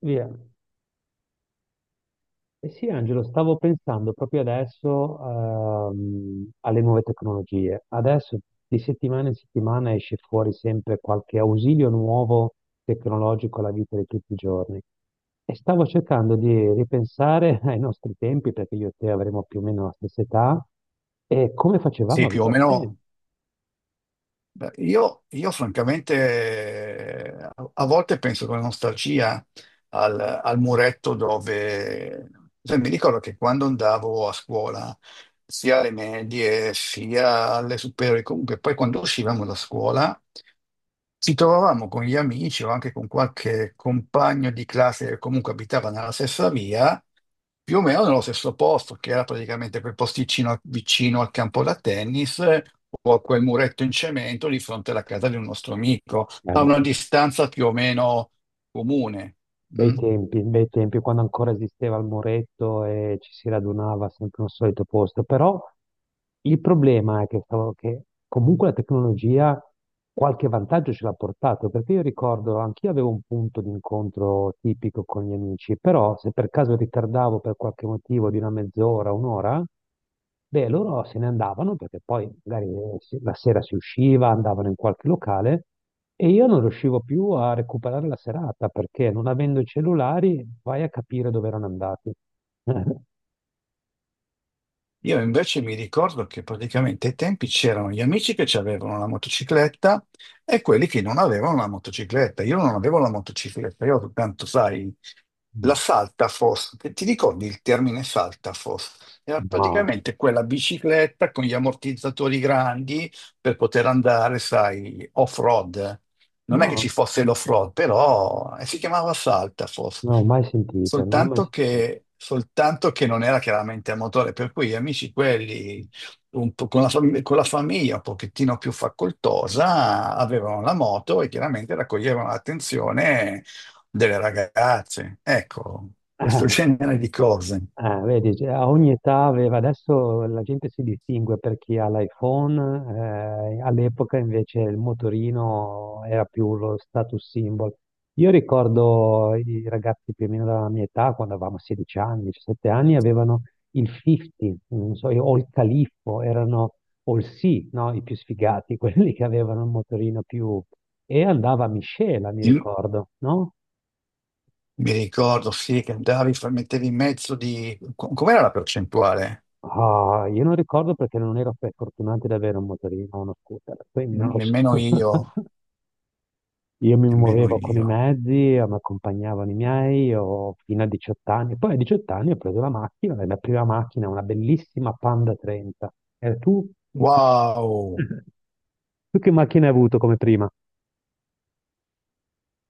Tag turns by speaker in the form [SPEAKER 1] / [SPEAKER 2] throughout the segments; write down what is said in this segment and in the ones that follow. [SPEAKER 1] Via. Eh sì, Angelo, stavo pensando proprio adesso alle nuove tecnologie. Adesso di settimana in settimana esce fuori sempre qualche ausilio nuovo tecnologico alla vita di tutti i giorni. E stavo cercando di ripensare ai nostri tempi, perché io e te avremo più o meno la stessa età, e come facevamo
[SPEAKER 2] Sì,
[SPEAKER 1] a
[SPEAKER 2] più o
[SPEAKER 1] vivere
[SPEAKER 2] meno. Beh, io francamente, a volte penso con nostalgia al muretto dove. Cioè, mi ricordo che quando andavo a scuola sia alle medie sia alle superiori. Comunque, poi quando uscivamo da scuola ci trovavamo con gli amici o anche con qualche compagno di classe che comunque abitava nella stessa via, più o meno nello stesso posto, che era praticamente quel posticino vicino al campo da tennis, o a quel muretto in cemento di fronte alla casa di un nostro amico, a una
[SPEAKER 1] sempre.
[SPEAKER 2] distanza più o meno comune. Mm?
[SPEAKER 1] Bei tempi, quando ancora esisteva il muretto e ci si radunava sempre nel solito posto, però il problema è che, che comunque la tecnologia qualche vantaggio ce l'ha portato, perché io ricordo, anch'io avevo un punto d'incontro tipico con gli amici, però se per caso ritardavo per qualche motivo di una mezz'ora, un'ora, beh, loro se ne andavano perché poi magari la sera si usciva, andavano in qualche locale e io non riuscivo più a recuperare la serata perché non avendo i cellulari vai a capire dove erano andati.
[SPEAKER 2] Io invece mi ricordo che praticamente ai tempi c'erano gli amici che ci avevano la motocicletta e quelli che non avevano la motocicletta. Io non avevo la motocicletta, io soltanto, sai, la
[SPEAKER 1] Mm.
[SPEAKER 2] Saltafos. Ti ricordi il termine Saltafos? Era
[SPEAKER 1] No,
[SPEAKER 2] praticamente quella bicicletta con gli ammortizzatori grandi per poter andare, sai, off-road. Non è che
[SPEAKER 1] no,
[SPEAKER 2] ci fosse l'off-road, però, si chiamava Salta forse,
[SPEAKER 1] non l'ho mai sentita, non l'ho mai
[SPEAKER 2] soltanto
[SPEAKER 1] sentita.
[SPEAKER 2] che, soltanto che non era chiaramente a motore, per cui gli amici quelli un po' con la famiglia un pochettino più facoltosa avevano la moto e chiaramente raccoglievano l'attenzione delle ragazze. Ecco, questo genere di cose.
[SPEAKER 1] Vedi, cioè, a ogni età aveva, adesso la gente si distingue per chi ha l'iPhone, all'epoca invece il motorino era più lo status symbol. Io ricordo i ragazzi più o meno della mia età, quando avevamo 16 anni, 17 anni, avevano il 50, non so, o il Califfo, erano, o il Sì, no? I più sfigati, quelli che avevano il motorino più... E andava a miscela, mi
[SPEAKER 2] Il-
[SPEAKER 1] ricordo, no?
[SPEAKER 2] Mi ricordo, sì, che andavi, mettevi in mezzo di... Com'era la percentuale?
[SPEAKER 1] Ah, io non ricordo perché non ero fortunato ad avere un motorino o uno scooter, quindi non lo so.
[SPEAKER 2] Nemmeno io,
[SPEAKER 1] Io mi
[SPEAKER 2] nemmeno
[SPEAKER 1] muovevo con i
[SPEAKER 2] io.
[SPEAKER 1] mezzi, mi accompagnavano i miei, io fino a 18 anni. Poi a 18 anni ho preso la macchina, e la prima macchina, una bellissima Panda 30. E tu?
[SPEAKER 2] Wow!
[SPEAKER 1] Tu che macchina hai avuto come prima?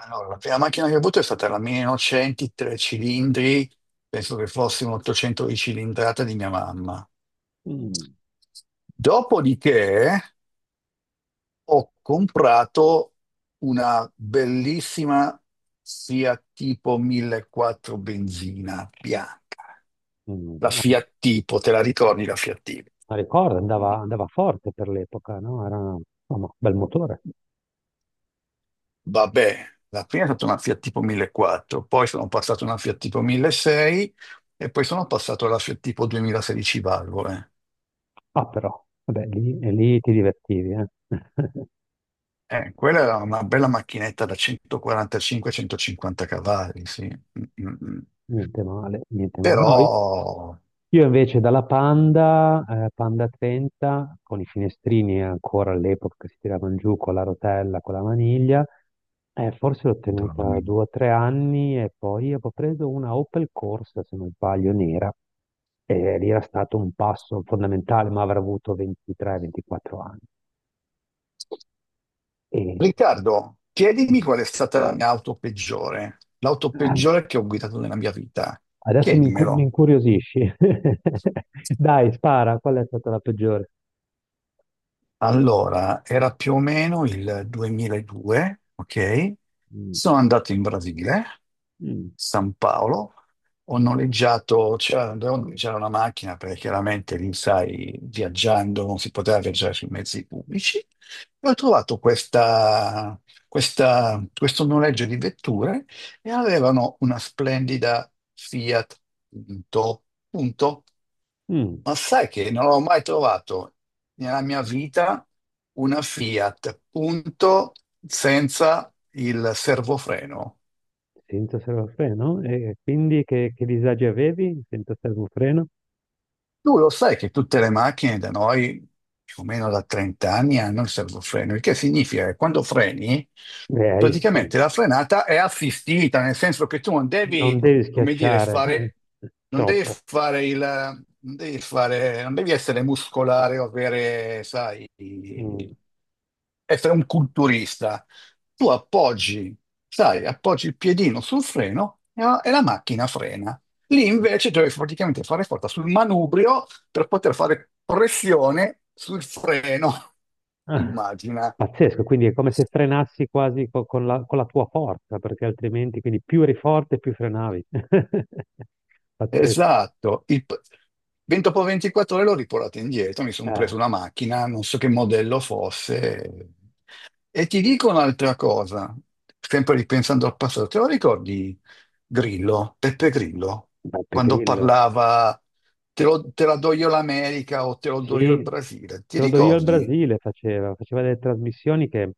[SPEAKER 2] Allora, la prima macchina che ho avuto è stata la 1900, tre cilindri, penso che fosse un 800 di cilindrata di mia mamma.
[SPEAKER 1] Mm.
[SPEAKER 2] Dopodiché ho comprato una bellissima Fiat Tipo 1400 benzina bianca.
[SPEAKER 1] Mm,
[SPEAKER 2] La
[SPEAKER 1] ah,
[SPEAKER 2] Fiat Tipo, te la ricordi la Fiat Tipo?
[SPEAKER 1] ma ricordo, andava, andava forte per l'epoca, no? Era un bel motore.
[SPEAKER 2] Vabbè, la prima è stata una Fiat Tipo 1400, poi sono passato a una Fiat Tipo 1600 e poi sono passato alla Fiat Tipo 2016 valvole.
[SPEAKER 1] Ah, però, vabbè, lì, e lì ti divertivi, eh?
[SPEAKER 2] Quella era una bella macchinetta da 145-150 cavalli, sì. Mm, mm, mm.
[SPEAKER 1] Niente male, niente male.
[SPEAKER 2] Però...
[SPEAKER 1] No, io invece dalla Panda, Panda 30, con i finestrini ancora all'epoca che si tiravano giù con la rotella, con la maniglia, forse l'ho
[SPEAKER 2] Madonna
[SPEAKER 1] tenuta
[SPEAKER 2] mia.
[SPEAKER 1] due o tre anni e poi avevo preso una Opel Corsa, se non sbaglio, nera, e lì era stato un passo fondamentale, ma avrà avuto 23-24 anni. E,
[SPEAKER 2] Riccardo, chiedimi qual è stata la mia auto peggiore, l'auto
[SPEAKER 1] eh,
[SPEAKER 2] peggiore che ho guidato nella mia vita.
[SPEAKER 1] adesso mi, mi
[SPEAKER 2] Chiedimelo.
[SPEAKER 1] incuriosisci. Dai, spara, qual è stata la peggiore?
[SPEAKER 2] Allora, era più o meno il 2002, ok?
[SPEAKER 1] Mm,
[SPEAKER 2] Sono andato in Brasile,
[SPEAKER 1] mm,
[SPEAKER 2] San Paolo, ho noleggiato, c'era dovevo noleggiare una macchina perché chiaramente lì, sai, viaggiando non si poteva viaggiare sui mezzi pubblici. E ho trovato questo noleggio di vetture e avevano una splendida Fiat Punto, punto.
[SPEAKER 1] mm.
[SPEAKER 2] Ma sai che non ho mai trovato nella mia vita una Fiat punto senza il servofreno?
[SPEAKER 1] Senza servofreno? E quindi che disagi avevi senza servofreno?
[SPEAKER 2] Tu lo sai che tutte le macchine da noi, più o meno da 30 anni, hanno il servofreno, il che significa che quando freni,
[SPEAKER 1] Beh, sì.
[SPEAKER 2] praticamente la frenata è assistita, nel senso che tu non
[SPEAKER 1] Non
[SPEAKER 2] devi,
[SPEAKER 1] devi
[SPEAKER 2] come dire,
[SPEAKER 1] schiacciare,
[SPEAKER 2] fare, non devi
[SPEAKER 1] troppo.
[SPEAKER 2] fare il, non devi fare, non devi essere muscolare o avere, sai,
[SPEAKER 1] Mm.
[SPEAKER 2] essere un culturista. Tu appoggi, sai, appoggi il piedino sul freno e la macchina frena. Lì invece dovevi praticamente fare forza sul manubrio per poter fare pressione sul freno.
[SPEAKER 1] Ah,
[SPEAKER 2] Immagina.
[SPEAKER 1] pazzesco, quindi è come se frenassi quasi con la tua forza, perché altrimenti, quindi più eri forte, più frenavi. Pazzesco.
[SPEAKER 2] Esatto. Ben dopo 24 ore l'ho riportato indietro, mi sono
[SPEAKER 1] Eh,
[SPEAKER 2] preso una macchina, non so che modello fosse. E ti dico un'altra cosa, sempre ripensando al passato, te lo ricordi Grillo, Peppe Grillo,
[SPEAKER 1] Beppe
[SPEAKER 2] quando
[SPEAKER 1] Grillo.
[SPEAKER 2] parlava te la do io l'America o te lo do io il
[SPEAKER 1] Sì,
[SPEAKER 2] Brasile? Ti
[SPEAKER 1] credo io al
[SPEAKER 2] ricordi?
[SPEAKER 1] Brasile faceva, faceva delle trasmissioni che,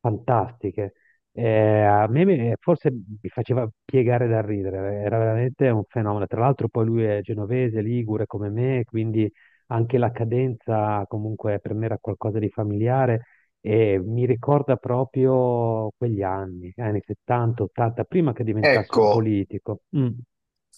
[SPEAKER 1] fantastiche. Eh, forse mi faceva piegare da ridere, era veramente un fenomeno. Tra l'altro poi lui è genovese, ligure come me, quindi anche la cadenza comunque per me era qualcosa di familiare e mi ricorda proprio quegli anni, anni 70, 80, prima che diventasse un
[SPEAKER 2] Ecco,
[SPEAKER 1] politico. Mm,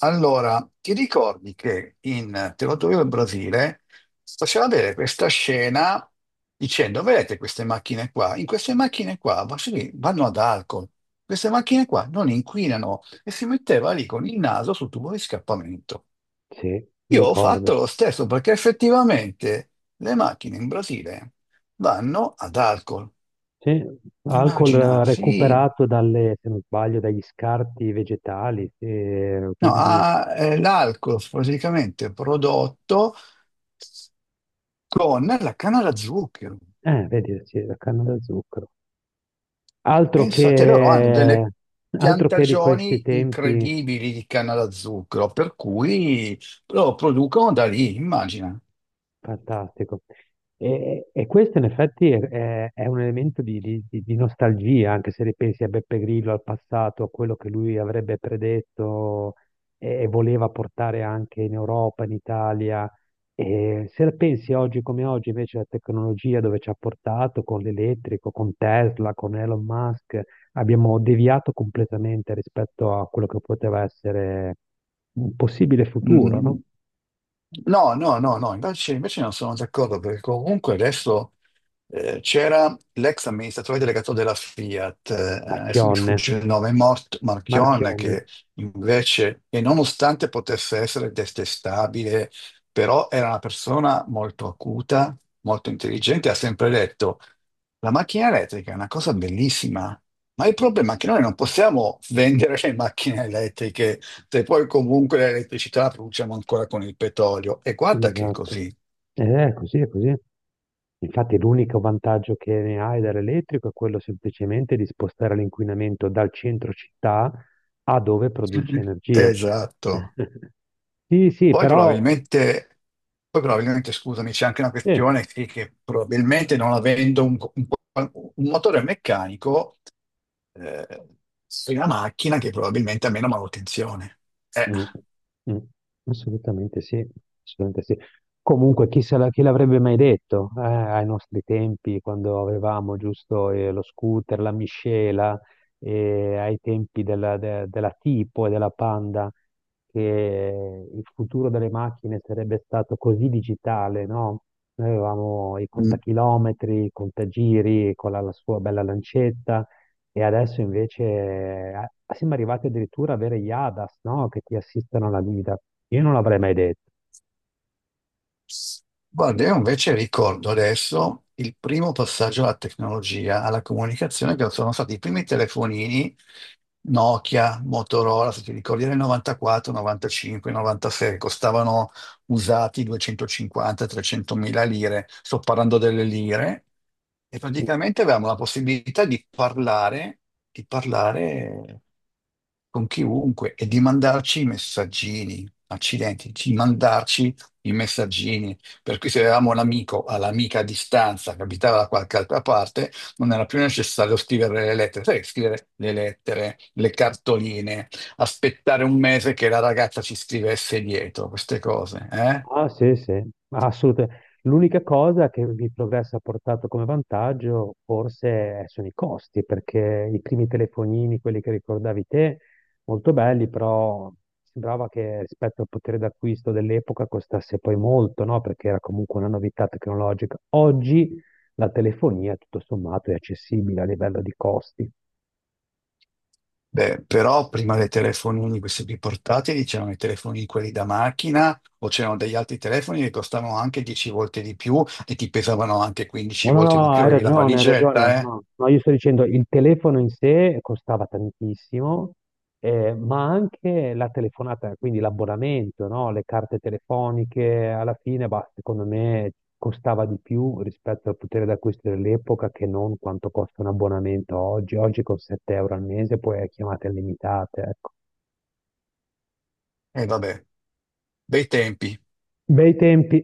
[SPEAKER 2] allora, ti ricordi che in Te lo do io il Brasile faceva vedere questa scena dicendo, vedete queste macchine qua? In queste macchine qua sì, vanno ad alcol, queste macchine qua non inquinano e si metteva lì con il naso sul tubo di scappamento.
[SPEAKER 1] sì, mi
[SPEAKER 2] Io ho
[SPEAKER 1] ricorda.
[SPEAKER 2] fatto lo stesso perché effettivamente le macchine in Brasile vanno ad alcol.
[SPEAKER 1] Sì, alcol
[SPEAKER 2] Immagina, sì.
[SPEAKER 1] recuperato dalle, se non sbaglio, dagli scarti vegetali,
[SPEAKER 2] No,
[SPEAKER 1] quindi,
[SPEAKER 2] l'alcol praticamente prodotto con la canna da zucchero.
[SPEAKER 1] vedi, sì, la canna da zucchero. Altro
[SPEAKER 2] Pensate, loro hanno delle
[SPEAKER 1] che, altro che di questi
[SPEAKER 2] piantagioni
[SPEAKER 1] tempi,
[SPEAKER 2] incredibili di canna da zucchero, per cui lo producono da lì, immagina.
[SPEAKER 1] fantastico. E questo in effetti è, è un elemento di, di nostalgia, anche se ripensi a Beppe Grillo, al passato, a quello che lui avrebbe predetto e voleva portare anche in Europa, in Italia. E se la pensi oggi come oggi, invece, la tecnologia dove ci ha portato con l'elettrico, con Tesla, con Elon Musk, abbiamo deviato completamente rispetto a quello che poteva essere un possibile futuro, no?
[SPEAKER 2] Mm, no, no, no, no, invece non sono d'accordo perché comunque adesso, c'era l'ex amministratore delegato della Fiat, adesso mi
[SPEAKER 1] Marchionne,
[SPEAKER 2] sfugge il nome, Mort Marchionne,
[SPEAKER 1] Marchionne.
[SPEAKER 2] che invece, e nonostante potesse essere detestabile, però era una persona molto acuta, molto intelligente, ha sempre detto, la macchina elettrica è una cosa bellissima, ma il problema è che noi non possiamo vendere le macchine elettriche se poi comunque l'elettricità la produciamo ancora con il petrolio. E guarda che è
[SPEAKER 1] Esatto.
[SPEAKER 2] così.
[SPEAKER 1] È così, è così. Infatti l'unico vantaggio che ne hai dall'elettrico è quello semplicemente di spostare l'inquinamento dal centro città a dove produce energia.
[SPEAKER 2] Esatto.
[SPEAKER 1] Sì, sì,
[SPEAKER 2] Poi
[SPEAKER 1] però...
[SPEAKER 2] probabilmente, poi probabilmente, scusami, c'è anche una
[SPEAKER 1] sì.
[SPEAKER 2] questione sì, che probabilmente non avendo un motore meccanico, eh, sei una macchina che probabilmente ha meno manutenzione. Eh,
[SPEAKER 1] Mm, mm, assolutamente sì, assolutamente sì. Comunque, chi se la- chi l'avrebbe mai detto, ai nostri tempi, quando avevamo giusto lo scooter, la miscela, ai tempi della, della Tipo e della Panda, che il futuro delle macchine sarebbe stato così digitale, no? Noi avevamo i contachilometri, i contagiri con la sua bella lancetta. E adesso invece ah, siamo arrivati addirittura ad avere gli ADAS, no? Che ti assistono alla guida. Io non l'avrei mai detto.
[SPEAKER 2] Guarda, io invece ricordo adesso il primo passaggio alla tecnologia, alla comunicazione, che sono stati i primi telefonini Nokia, Motorola, se ti ricordi, nel 94, 95, 96, costavano usati 250-300 mila lire. Sto parlando delle lire e praticamente avevamo la possibilità di parlare, di parlare con chiunque e di mandarci i messaggini, accidenti, di mandarci i messaggini. Per cui se avevamo l'amico all'amica a distanza che abitava da qualche altra parte, non era più necessario scrivere le lettere, sai, scrivere le lettere, le cartoline, aspettare un mese che la ragazza ci scrivesse dietro, queste cose, eh?
[SPEAKER 1] Ah, sì, sì, assolutamente. L'unica cosa che il progresso ha portato come vantaggio forse sono i costi, perché i primi telefonini, quelli che ricordavi te, molto belli, però sembrava che rispetto al potere d'acquisto dell'epoca costasse poi molto, no? Perché era comunque una novità tecnologica. Oggi la telefonia, tutto sommato, è accessibile a livello di costi.
[SPEAKER 2] Beh, però prima dei telefonini, questi più portatili, c'erano i telefonini quelli da macchina o c'erano degli altri telefoni che costavano anche 10 volte di più e ti pesavano anche 15
[SPEAKER 1] No, no,
[SPEAKER 2] volte di
[SPEAKER 1] no,
[SPEAKER 2] più,
[SPEAKER 1] hai
[SPEAKER 2] avevi la
[SPEAKER 1] ragione, hai ragione.
[SPEAKER 2] valigetta, eh?
[SPEAKER 1] No, no, io sto dicendo il telefono in sé costava tantissimo, ma anche la telefonata, quindi l'abbonamento, no? Le carte telefoniche, alla fine, bah, secondo me costava di più rispetto al potere d'acquisto dell'epoca che non quanto costa un abbonamento oggi. Oggi con 7 euro al mese puoi chiamate illimitate, ecco.
[SPEAKER 2] E vabbè, bei tempi.
[SPEAKER 1] Bei tempi.